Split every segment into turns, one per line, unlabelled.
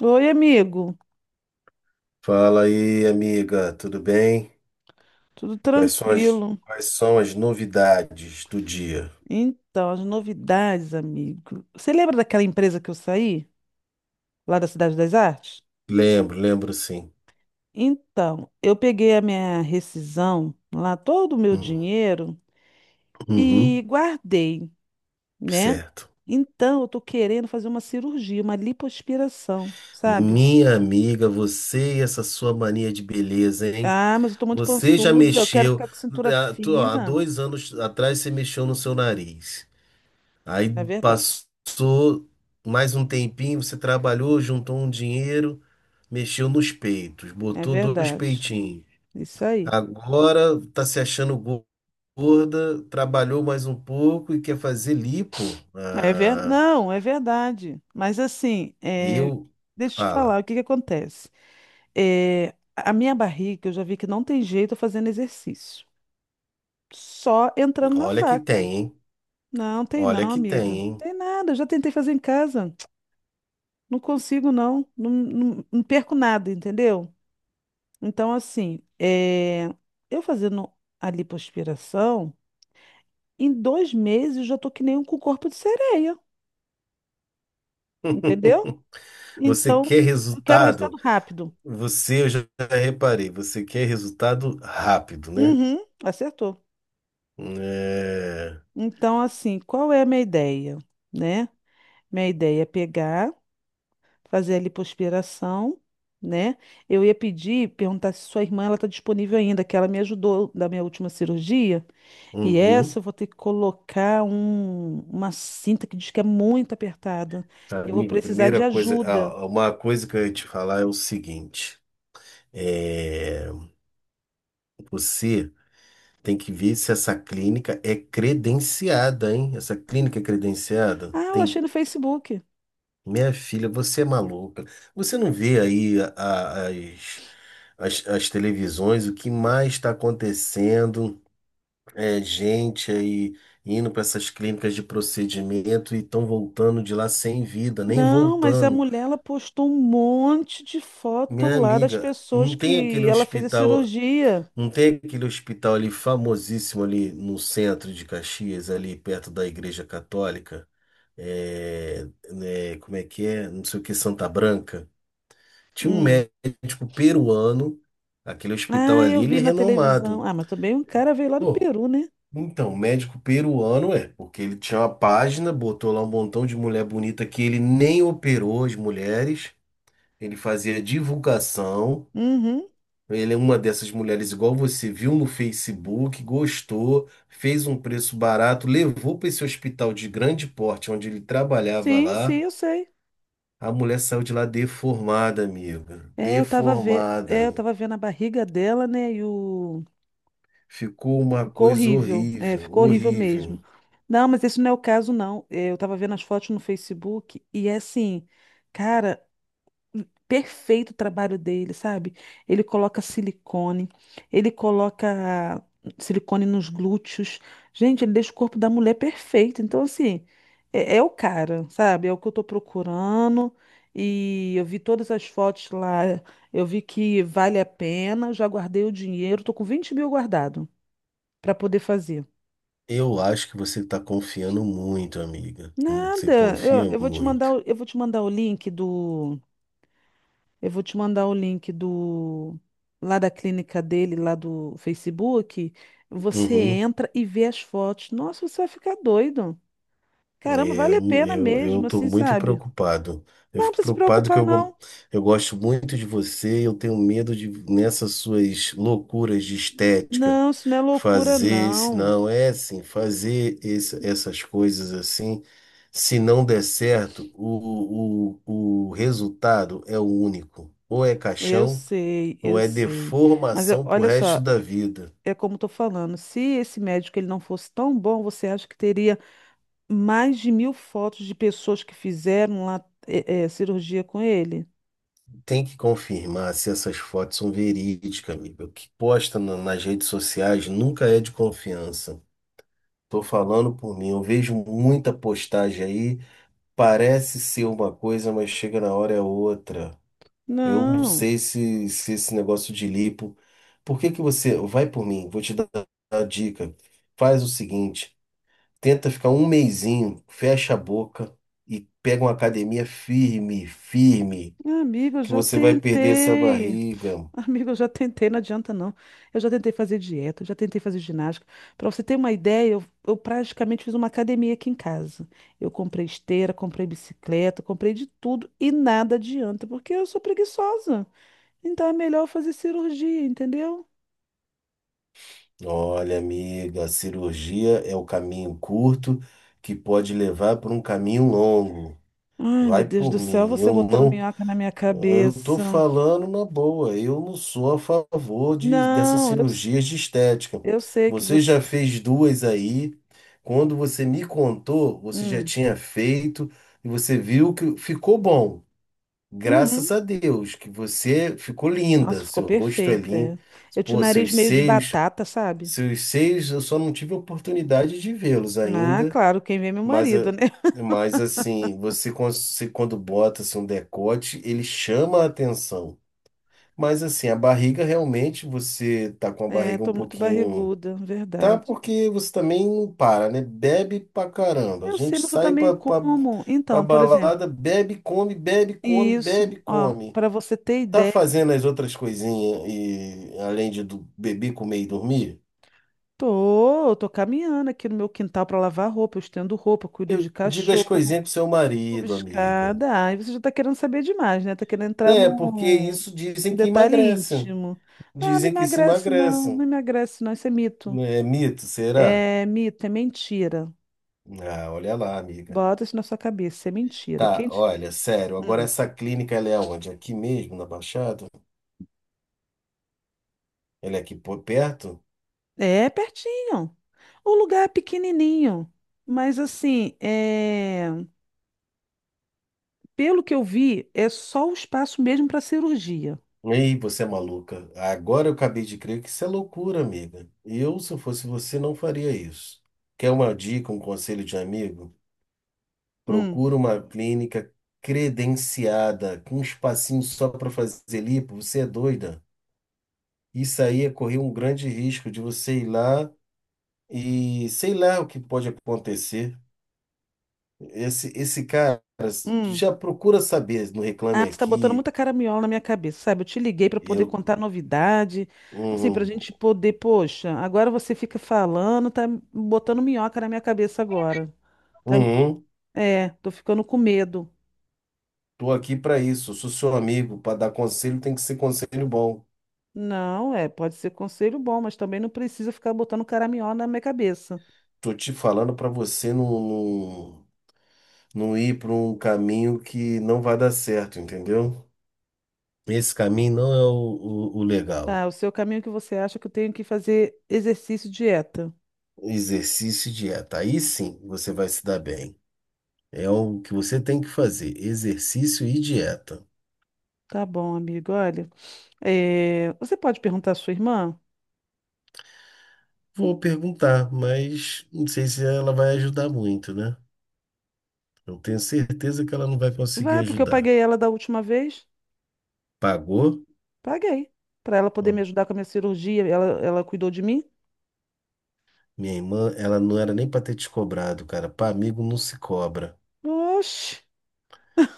Oi, amigo.
Fala aí, amiga, tudo bem?
Tudo
Quais são as,
tranquilo?
quais são as novidades do dia?
Então, as novidades, amigo. Você lembra daquela empresa que eu saí, lá da Cidade das Artes?
Lembro, lembro sim.
Então, eu peguei a minha rescisão, lá todo o meu
Hum.
dinheiro
Uhum.
e guardei, né?
Certo.
Então, eu tô querendo fazer uma cirurgia, uma lipoaspiração, sabe?
Minha amiga, você e essa sua mania de beleza, hein?
Ah, mas eu tô muito
Você já
pançuda, eu quero
mexeu.
ficar com cintura
Ah, ó, há
fina.
2 anos atrás você mexeu no seu nariz. Aí
É verdade.
passou mais um tempinho, você trabalhou, juntou um dinheiro, mexeu nos peitos,
É
botou dois
verdade.
peitinhos.
Isso aí.
Agora tá se achando gorda, trabalhou mais um pouco e quer fazer lipo. Ah,
Não, é verdade. Mas assim,
eu,
deixa eu te falar,
fala,
o que que acontece? É, A minha barriga, eu já vi que não tem jeito fazendo exercício. Só entrando na
olha que
faca.
tem, hein?
Não, tem
Olha
não,
que tem,
amiga.
hein?
Tem nada, eu já tentei fazer em casa. Não consigo, não. Não perco nada, entendeu? Então, assim, eu fazendo a lipoaspiração, em 2 meses eu já tô que nem um com corpo de sereia, entendeu?
Você
Então,
quer
eu quero o
resultado?
resultado rápido.
Você, eu já reparei, você quer resultado rápido, né?
Uhum, acertou.
É.
Então, assim, qual é a minha ideia, né? Minha ideia é pegar, fazer a lipoaspiração, né? Eu ia pedir, perguntar se sua irmã ela está disponível ainda, que ela me ajudou da minha última cirurgia. E essa
Uhum.
eu vou ter que colocar uma cinta que diz que é muito apertada. Eu vou
Amigo, a
precisar
primeira
de
coisa,
ajuda.
ah, uma coisa que eu ia te falar é o seguinte. É, você tem que ver se essa clínica é credenciada, hein? Essa clínica é credenciada?
Ah, eu
Tem.
achei no Facebook.
Minha filha, você é maluca. Você não vê aí as televisões, o que mais está acontecendo? É gente aí indo para essas clínicas de procedimento e estão voltando de lá sem vida, nem
Não, mas a
voltando.
mulher ela postou um monte de foto
Minha
lá das
amiga,
pessoas
não tem
que
aquele
ela fez a
hospital.
cirurgia.
Não tem aquele hospital ali famosíssimo ali no centro de Caxias, ali perto da Igreja Católica? É, né, como é que é? Não sei o que, Santa Branca. Tinha um
Hum.
médico peruano, aquele hospital
Ah, eu
ali, ele é
vi na televisão.
renomado.
Ah, mas também um cara veio lá do
Pô,
Peru, né?
então, médico peruano é, porque ele tinha uma página, botou lá um montão de mulher bonita que ele nem operou as mulheres, ele fazia divulgação.
Uhum.
Ele é uma dessas mulheres igual você viu no Facebook, gostou, fez um preço barato, levou para esse hospital de grande porte onde ele trabalhava
Sim, sim,
lá.
eu sei.
A mulher saiu de lá deformada, amiga.
É, eu tava vendo, é,
Deformada.
eu tava vendo a barriga dela, né? E o
Ficou uma
ficou
coisa
horrível. É,
horrível,
ficou horrível
horrível.
mesmo. Não, mas esse não é o caso, não. É, eu tava vendo as fotos no Facebook e é assim, cara, perfeito o trabalho dele, sabe? Ele coloca silicone, ele coloca silicone nos glúteos. Gente, ele deixa o corpo da mulher perfeito. Então, assim, é o cara, sabe? É o que eu tô procurando. E eu vi todas as fotos lá, eu vi que vale a pena, já guardei o dinheiro, tô com 20 mil guardado para poder fazer.
Eu acho que você está confiando muito, amiga. Você
Nada,
confia
eu vou te mandar,
muito.
eu vou te mandar o link do Eu vou te mandar o link do lá da clínica dele, lá do Facebook. Você
Uhum.
entra e vê as fotos. Nossa, você vai ficar doido. Caramba,
É,
vale a
Eu,
pena
eu, eu
mesmo,
tô
assim,
muito
sabe?
preocupado. Eu
Não
fico
precisa se
preocupado que
preocupar,
eu, go-
não.
eu gosto muito de você. Eu tenho medo de, nessas suas loucuras de estética,
Não, isso não é loucura,
fazer esse,
não.
não, é assim, fazer esse, essas coisas assim, se não der certo, o resultado é o único. Ou é
Eu
caixão,
sei,
ou
eu
é
sei.
deformação pro
Olha
resto
só,
da vida.
é como eu tô falando. Se esse médico ele não fosse tão bom, você acha que teria mais de 1.000 fotos de pessoas que fizeram lá cirurgia com ele?
Tem que confirmar se essas fotos são verídicas, amigo. O que posta nas redes sociais nunca é de confiança. Tô falando por mim, eu vejo muita postagem aí, parece ser uma coisa, mas chega na hora é outra. Eu não
Não.
sei se esse negócio de lipo. Por que que você. Vai por mim, vou te dar a dica. Faz o seguinte: tenta ficar um mesinho, fecha a boca e pega uma academia firme, firme,
Amigo, eu
que
já
você vai perder essa
tentei.
barriga.
Amigo, eu já tentei, não adianta não. Eu já tentei fazer dieta, eu já tentei fazer ginástica. Para você ter uma ideia, eu praticamente fiz uma academia aqui em casa. Eu comprei esteira, comprei bicicleta, comprei de tudo e nada adianta, porque eu sou preguiçosa. Então é melhor eu fazer cirurgia, entendeu?
Olha, amiga, a cirurgia é o caminho curto que pode levar para um caminho longo.
Ai, meu
Vai
Deus do
por
céu,
mim.
você
Eu
botando
não,
minhoca na minha
eu tô
cabeça.
falando na boa. Eu não sou a favor dessas
Não, eu, s-
cirurgias de estética.
eu sei que
Você
você.
já fez duas aí. Quando você me contou, você já
Hum.
tinha feito e você viu que ficou bom. Graças
Uhum.
a Deus que você ficou
Nossa,
linda.
ficou
Seu rosto é
perfeita.
lindo.
É. Eu tinha o
Pô,
nariz
seus
meio de
seios
batata, sabe?
seus seios, eu só não tive oportunidade de vê-los
Ah,
ainda,
claro, quem vê é meu
mas,
marido,
eh,
né?
mas assim, você, você quando bota assim, um decote, ele chama a atenção. Mas assim, a barriga realmente, você tá com a
É,
barriga um
tô muito
pouquinho.
barriguda,
Tá,
verdade.
porque você também não para, né? Bebe pra caramba. A
Eu
gente
sei, mas eu
sai
também
pra, pra,
como.
pra
Então, por exemplo,
balada, bebe, come, bebe, come,
isso,
bebe,
ó,
come.
para você ter
Tá
ideia,
fazendo as outras coisinhas e além de beber, comer e dormir?
tô caminhando aqui no meu quintal para lavar roupa, eu estendo roupa, cuido
Eu
de
digo as
cachorro,
coisinhas pro seu
subo
marido, amiga.
escada. Ai, você já tá querendo saber demais, né? Tá querendo entrar
Né? Porque
num
isso dizem que
detalhe
emagrecem.
íntimo. Nada
Dizem que se
emagrece, não,
emagrecem.
não emagrece, não, isso é mito.
É mito, será?
É mito, é mentira.
Ah, olha lá, amiga.
Bota isso na sua cabeça, isso é mentira.
Tá, olha, sério, agora
Hum.
essa clínica ela é onde? Aqui mesmo, na Baixada? Ela é aqui por perto?
É pertinho. O lugar é pequenininho, mas assim, é... pelo que eu vi, é só o espaço mesmo para cirurgia.
Ei, você é maluca. Agora eu acabei de crer que isso é loucura, amiga. Eu, se eu fosse você, não faria isso. Quer uma dica, um conselho de amigo?
Hum,
Procura uma clínica credenciada, com um espacinho só para fazer lipo, você é doida. Isso aí é correr um grande risco de você ir lá e sei lá o que pode acontecer. Esse cara
hum.
já procura saber no Reclame
Ah, você tá botando
Aqui.
muita caraminhola na minha cabeça, sabe? Eu te liguei para poder
Eu,
contar novidade, assim, pra
uhum,
gente poder, poxa, agora você fica falando, tá botando minhoca na minha cabeça agora. Tá...
uhum,
É, tô ficando com medo.
tô aqui para isso. Sou seu amigo, para dar conselho tem que ser conselho bom.
Não, é, pode ser conselho bom, mas também não precisa ficar botando caraminhola na minha cabeça.
Tô te falando para você não, não, não ir para um caminho que não vai dar certo, entendeu? Esse caminho não é o legal.
Tá, o seu caminho que você acha que eu tenho que fazer exercício e dieta.
Exercício e dieta. Aí sim você vai se dar bem. É o que você tem que fazer: exercício e dieta.
Tá bom, amigo, olha. É, você pode perguntar à sua irmã?
Vou perguntar, mas não sei se ela vai ajudar muito, né? Eu tenho certeza que ela não vai conseguir
Vai, porque eu
ajudar.
paguei ela da última vez.
Pagou?
Paguei. Para ela poder
Ó,
me ajudar com a minha cirurgia, ela cuidou de mim.
minha irmã, ela não era nem para ter te cobrado, cara. Para amigo não se cobra.
Oxe!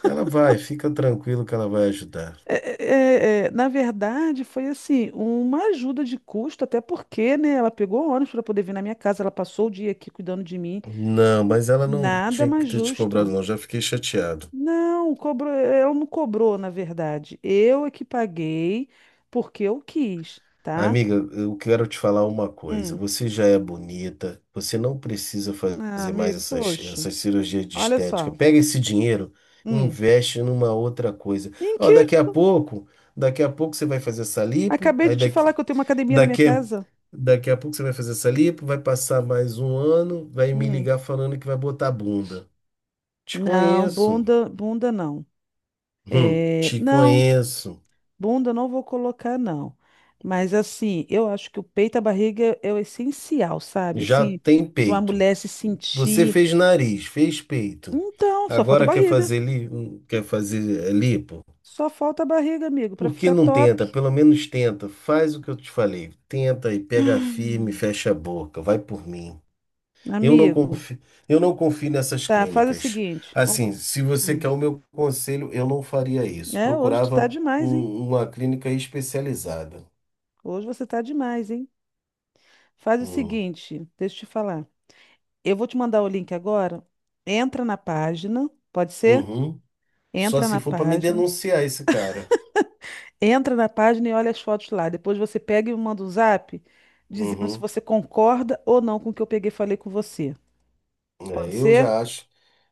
Ela vai, fica tranquilo que ela vai ajudar.
é, é, na verdade, foi assim, uma ajuda de custo, até porque, né, ela pegou ônibus para poder vir na minha casa, ela passou o dia aqui cuidando de mim.
Não, mas ela não
Nada
tinha que
mais
ter te cobrado,
justo.
não. Já fiquei chateado.
Não, cobrou, ela não cobrou, na verdade. Eu é que paguei porque eu quis, tá?
Amiga, eu quero te falar uma coisa.
Hum.
Você já é bonita, você não precisa
Ah,
fazer mais
amigo,
essas,
poxa,
essas cirurgias de
olha
estética.
só.
Pega esse dinheiro e
Hum.
investe numa outra coisa.
Em
Ó,
que?
daqui a pouco você vai fazer essa lipo,
Acabei de
aí
te falar que eu tenho uma academia na minha
daqui,
casa.
daqui a pouco você vai fazer essa lipo, vai passar mais um ano, vai me
Hum.
ligar falando que vai botar bunda. Te
Não,
conheço.
bunda, bunda não.
Hum,
É,
te
não,
conheço.
bunda não vou colocar, não. Mas assim, eu acho que o peito e a barriga é o essencial, sabe?
Já
Assim,
tem
para uma
peito.
mulher se
Você
sentir.
fez nariz, fez peito.
Então, só falta
Agora
barriga.
quer fazer lipo?
Só falta a barriga, amigo, para
Por que
ficar
não tenta?
top.
Pelo menos tenta. Faz o que eu te falei. Tenta e pega firme,
Hum,
fecha a boca. Vai por mim. Eu não
Amigo,
confio, eu não confio nessas
tá, faz o
clínicas.
seguinte.
Assim, se você
Hum.
quer o meu conselho, eu não faria isso.
É, hoje tu tá
Procurava
demais, hein?
uma clínica especializada.
Hoje você tá demais, hein? Faz o
Hum.
seguinte, deixa eu te falar. Eu vou te mandar o link agora. Entra na página, pode ser?
Uhum. Só
Entra
se
na
for para me
página.
denunciar esse cara.
Entra na página e olha as fotos lá. Depois você pega e me manda um zap dizendo se
Uhum.
você concorda ou não com o que eu peguei e falei com você. Pode
É, eu
ser?
já acho.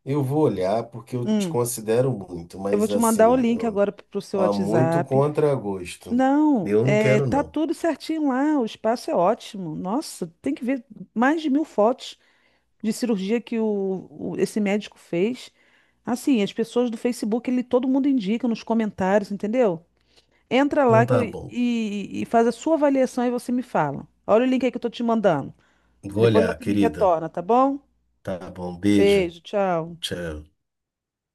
Eu vou olhar porque eu te
Hum.
considero muito,
Eu vou
mas
te mandar o
assim,
link agora pro seu
há muito
WhatsApp.
contragosto.
Não,
Eu não
é,
quero,
tá
não.
tudo certinho lá, o espaço é ótimo. Nossa, tem que ver mais de 1.000 fotos de cirurgia que esse médico fez. Assim, as pessoas do Facebook, ele todo mundo indica nos comentários, entendeu? Entra lá
Então
que eu-
tá bom.
E faz a sua avaliação e você me fala. Olha o link aí que eu tô te mandando.
Vou
Depois
olhar,
você me
querida.
retorna, tá bom?
Tá bom, beijo.
Beijo, tchau.
Tchau.